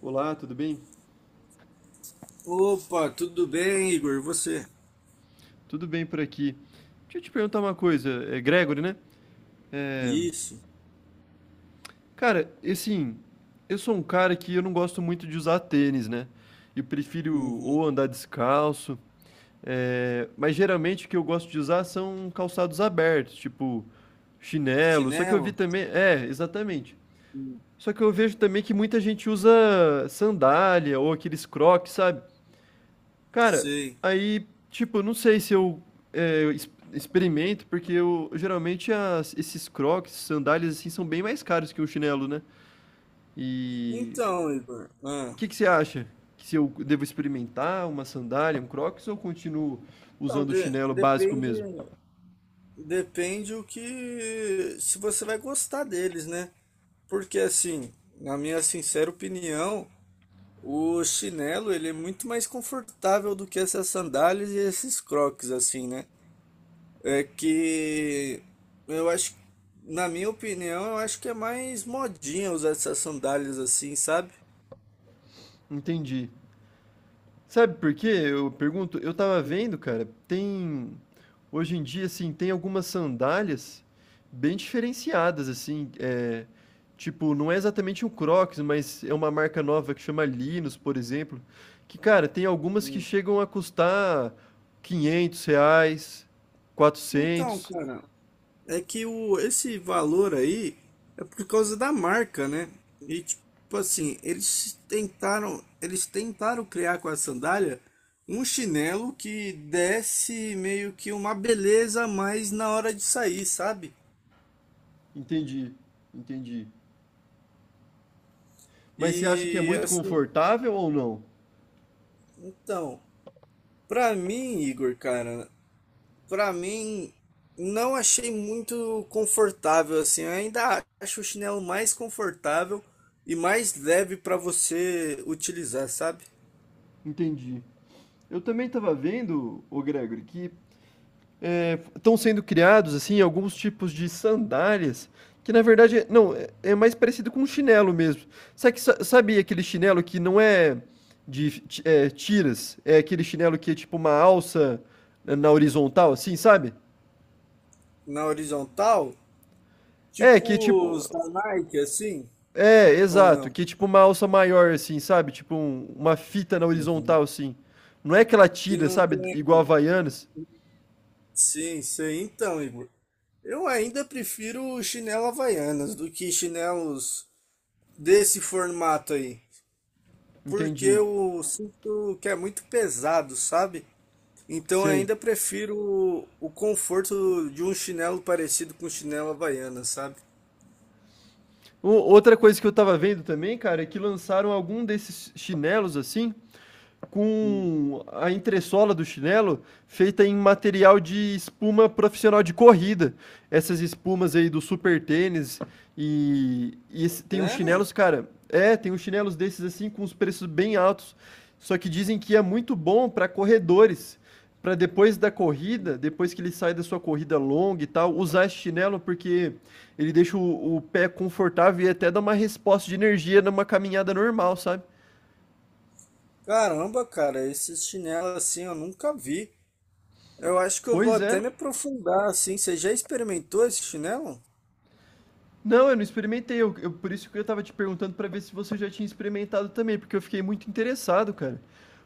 Olá, tudo bem? Opa, tudo bem, Igor? E você? Tudo bem por aqui. Deixa eu te perguntar uma coisa, é Gregory, né? É, Isso. cara, assim, eu sou um cara que eu não gosto muito de usar tênis, né? Eu prefiro Uhum. ou andar descalço, é, mas geralmente o que eu gosto de usar são calçados abertos, tipo chinelo. Só que eu Chinelo? vi também, é, exatamente. Hum. Só que eu vejo também que muita gente usa sandália ou aqueles crocs, sabe? Cara, Sei. aí, tipo, não sei se eu, eu experimento, porque eu geralmente esses crocs, sandálias assim, são bem mais caros que um chinelo, né? E Então, Igor. o Ah. que que você acha? Que se eu devo experimentar uma sandália, um crocs, ou continuo Então, usando o de- chinelo básico depende, mesmo? depende o que, se você vai gostar deles, né? Porque assim, na minha sincera opinião, o chinelo ele é muito mais confortável do que essas sandálias e esses crocs, assim, né? É que eu acho, na minha opinião, eu acho que é mais modinha usar essas sandálias assim, sabe? Entendi. Sabe por quê? Eu pergunto, eu tava vendo, cara, tem hoje em dia assim, tem algumas sandálias bem diferenciadas assim, eh, tipo, não é exatamente um Crocs, mas é uma marca nova que chama Linus, por exemplo, que, cara, tem algumas que Hum. chegam a custar R$ 500, Então, 400. cara, é que esse valor aí é por causa da marca, né? E tipo assim, eles tentaram criar com a sandália um chinelo que desse meio que uma beleza a mais na hora de sair, sabe? Entendi, entendi. Mas você acha que é E muito assim, confortável ou não? então, pra mim, Igor, cara, pra mim, não achei muito confortável assim. Eu ainda acho o chinelo mais confortável e mais leve pra você utilizar, sabe? Entendi. Eu também estava vendo, ô Gregory, que é, estão sendo criados assim alguns tipos de sandálias que na verdade não é- é mais parecido com um chinelo mesmo. Sabe, sabe aquele chinelo que não é de é, tiras, é aquele chinelo que é tipo uma alça na horizontal, assim, sabe? Na horizontal, É que é tipo tipo os da Nike, assim, é ou exato, não? que é tipo uma alça maior assim, sabe? Tipo uma fita na Uhum. horizontal assim. Não é aquela Que tira, não sabe? Igual a tem. Havaianas. Sim, sei. Então, Igor, eu ainda prefiro chinelo Havaianas do que chinelos desse formato aí. Porque Entendi. eu sinto que é muito pesado, sabe? Então eu Sei. ainda prefiro o conforto de um chinelo parecido com chinelo Havaiana, sabe? Outra coisa que eu tava vendo também, cara, é que lançaram algum desses chinelos assim, Hum. com a entressola do chinelo feita em material de espuma profissional de corrida. Essas espumas aí do super tênis e tem uns chinelos, Sério? cara, é, tem uns chinelos desses assim com os preços bem altos. Só que dizem que é muito bom para corredores, para depois da corrida, depois que ele sai da sua corrida longa e tal, usar esse chinelo porque ele deixa o pé confortável e até dá uma resposta de energia numa caminhada normal, sabe? Caramba, cara, esses chinelos assim eu nunca vi. Eu acho que eu vou Pois até é. me aprofundar assim. Você já experimentou esse chinelo? Não, eu não experimentei. Eu por isso que eu tava te perguntando pra ver se você já tinha experimentado também, porque eu fiquei muito interessado, cara.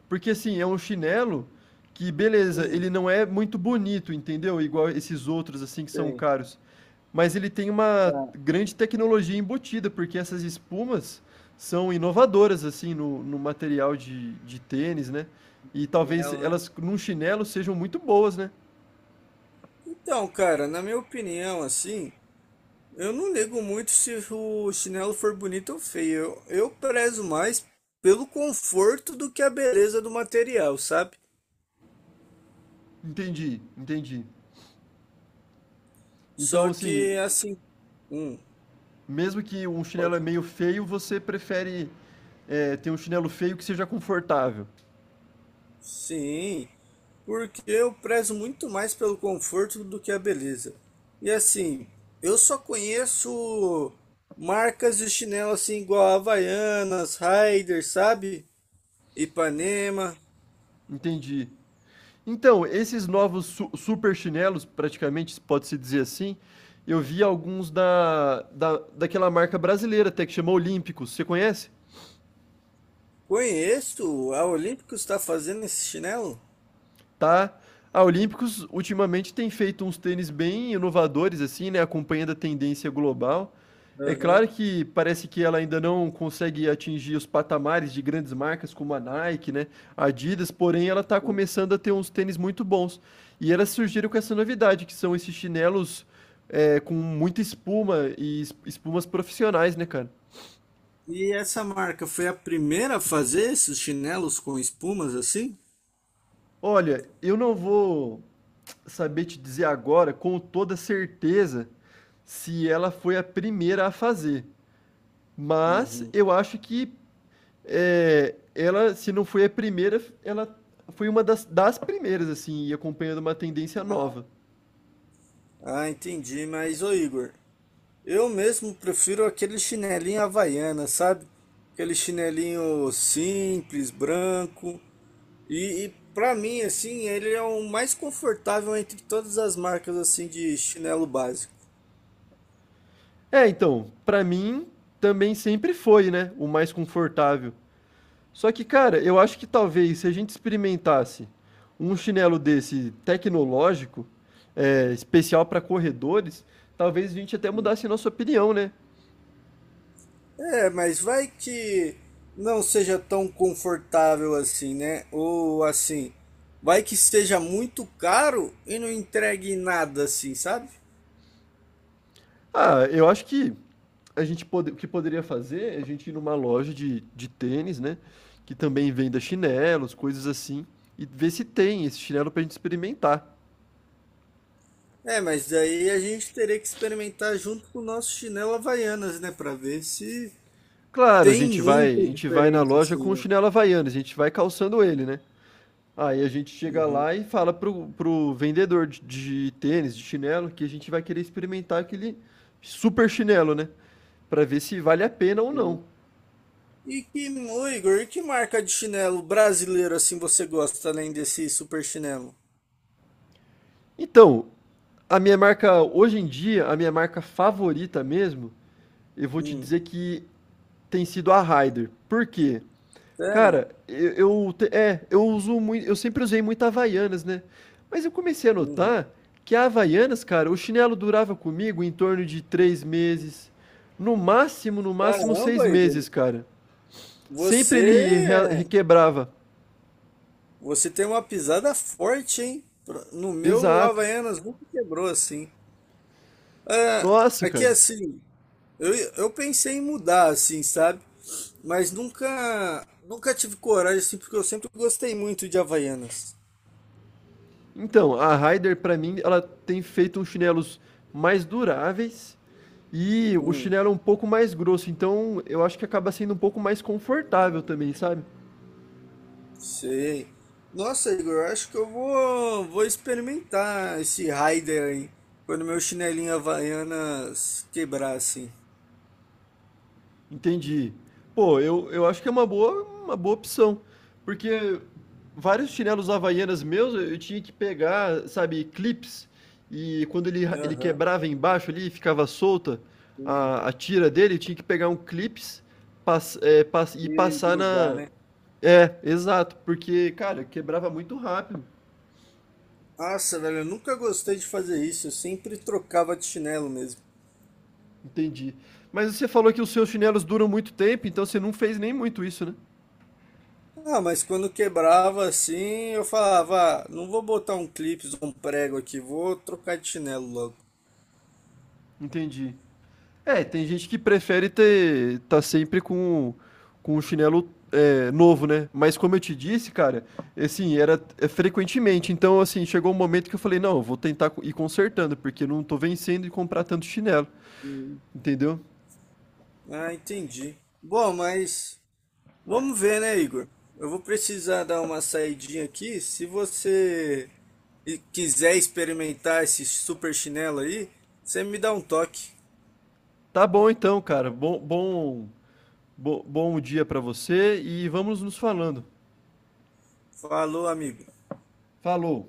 Porque assim, é um chinelo que, beleza, Hum, ele não é muito bonito, entendeu? Igual esses outros assim que são tem. caros. Mas ele tem uma Ah, grande tecnologia embutida, porque essas espumas são inovadoras assim no material de tênis, né? E talvez chinelo, né? elas num chinelo sejam muito boas, né? Então, cara, na minha opinião, assim, eu não ligo muito se o chinelo for bonito ou feio. Eu prezo mais pelo conforto do que a beleza do material, sabe? Entendi, entendi. Então, Só assim, que assim, hum, mesmo que um chinelo é pode, meio feio, você prefere é, ter um chinelo feio que seja confortável. sim, porque eu prezo muito mais pelo conforto do que a beleza. E assim, eu só conheço marcas de chinelo assim igual Havaianas, Rider, sabe? Ipanema. Entendi. Então, esses novos su super chinelos, praticamente, pode-se dizer assim, eu vi alguns daquela marca brasileira até que chama Olímpicos. Você conhece? Conheço, a Olímpicos está fazendo esse chinelo? Tá? A Olímpicos ultimamente tem feito uns tênis bem inovadores, assim, né? Acompanhando a tendência global. É Aham. claro que parece que ela ainda não consegue atingir os patamares de grandes marcas como a Nike, né? A Adidas, porém, ela está começando a ter uns tênis muito bons. E elas surgiram com essa novidade, que são esses chinelos é, com muita espuma e espumas profissionais, né, cara? E essa marca foi a primeira a fazer esses chinelos com espumas assim? Olha, eu não vou saber te dizer agora com toda certeza se ela foi a primeira a fazer. Mas Uhum. eu acho que é, ela, se não foi a primeira, ela foi uma das primeiras, assim, e acompanhando uma tendência nova. Ah, entendi. Mas, ô Igor, eu mesmo prefiro aquele chinelinho havaiana, sabe? Aquele chinelinho simples, branco. E para mim, assim, ele é o mais confortável entre todas as marcas assim de chinelo básico. É, então, pra mim, também sempre foi, né? O mais confortável. Só que, cara, eu acho que talvez se a gente experimentasse um chinelo desse tecnológico, é, especial para corredores, talvez a gente até mudasse nossa opinião, né? É, mas vai que não seja tão confortável assim, né? Ou assim, vai que seja muito caro e não entregue nada assim, sabe? Ah, eu acho que a gente pode, o que poderia fazer é a gente ir numa loja de tênis, né? Que também venda chinelos, coisas assim, e ver se tem esse chinelo pra gente experimentar. É, mas daí a gente teria que experimentar junto com o nosso chinelo Havaianas, né? Pra ver se Claro, tem a muita gente vai na diferença, loja com o assim, né? chinelo Havaianas, a gente vai calçando ele, né? Aí a gente chega Uhum, lá e fala pro vendedor de tênis, de chinelo, que a gente vai querer experimentar aquele super chinelo, né? Pra ver se vale a pena ou sim. não. E que, ô Igor, e que marca de chinelo brasileiro assim você gosta, além desse super chinelo? Então, a minha marca, hoje em dia, a minha marca favorita mesmo, eu vou te Hum, dizer que tem sido a Raider. Por quê? sério? Cara, eu uso muito, eu sempre usei muito Havaianas, né? Mas eu comecei a Uhum. notar que a Havaianas, cara, o chinelo durava comigo em torno de 3 meses, no máximo, no máximo seis Caramba, meses, Igor, cara. você, Sempre ele é, requebrava. você tem uma pisada forte, hein? No meu Exato. Havaianas nunca quebrou assim. Ah, Nossa, aqui cara. assim, eu pensei em mudar assim, sabe? Mas nunca tive coragem assim, porque eu sempre gostei muito de Havaianas. Então, a Ryder, pra mim, ela tem feito uns chinelos mais duráveis e o Hum. chinelo é um pouco mais grosso. Então, eu acho que acaba sendo um pouco mais confortável também, sabe? Sei. Nossa, Igor, eu acho que eu vou experimentar esse Raider aí. Quando meu chinelinho Havaianas quebrar, assim. Entendi. Pô, eu acho que é uma boa opção, porque vários chinelos havaianas meus eu tinha que pegar, sabe, clips, e quando ele, ele Aham. quebrava embaixo ali, ficava solta E, a tira dele, eu tinha que pegar um clips pass, e e passar grudar, na. né? É, exato, porque, cara, quebrava muito rápido. Nossa, velho, eu nunca gostei de fazer isso. Eu sempre trocava de chinelo mesmo. Entendi. Mas você falou que os seus chinelos duram muito tempo, então você não fez nem muito isso, né? Ah, mas quando quebrava assim, eu falava, ah, não vou botar um clipe, um prego aqui, vou trocar de chinelo logo. Entendi. É, tem gente que prefere ter tá sempre com um chinelo é, novo, né? Mas como eu te disse, cara, assim, era é, frequentemente. Então, assim, chegou um momento que eu falei, não, eu vou tentar ir consertando, porque não tô vencendo de comprar tanto chinelo, entendeu? Ah, entendi. Bom, mas. Vamos ver, né, Igor? Eu vou precisar dar uma saidinha aqui. Se você quiser experimentar esse super chinelo aí, você me dá um toque. Tá bom então, cara. Bom dia pra você e vamos nos falando. Falou, amigo. Falou.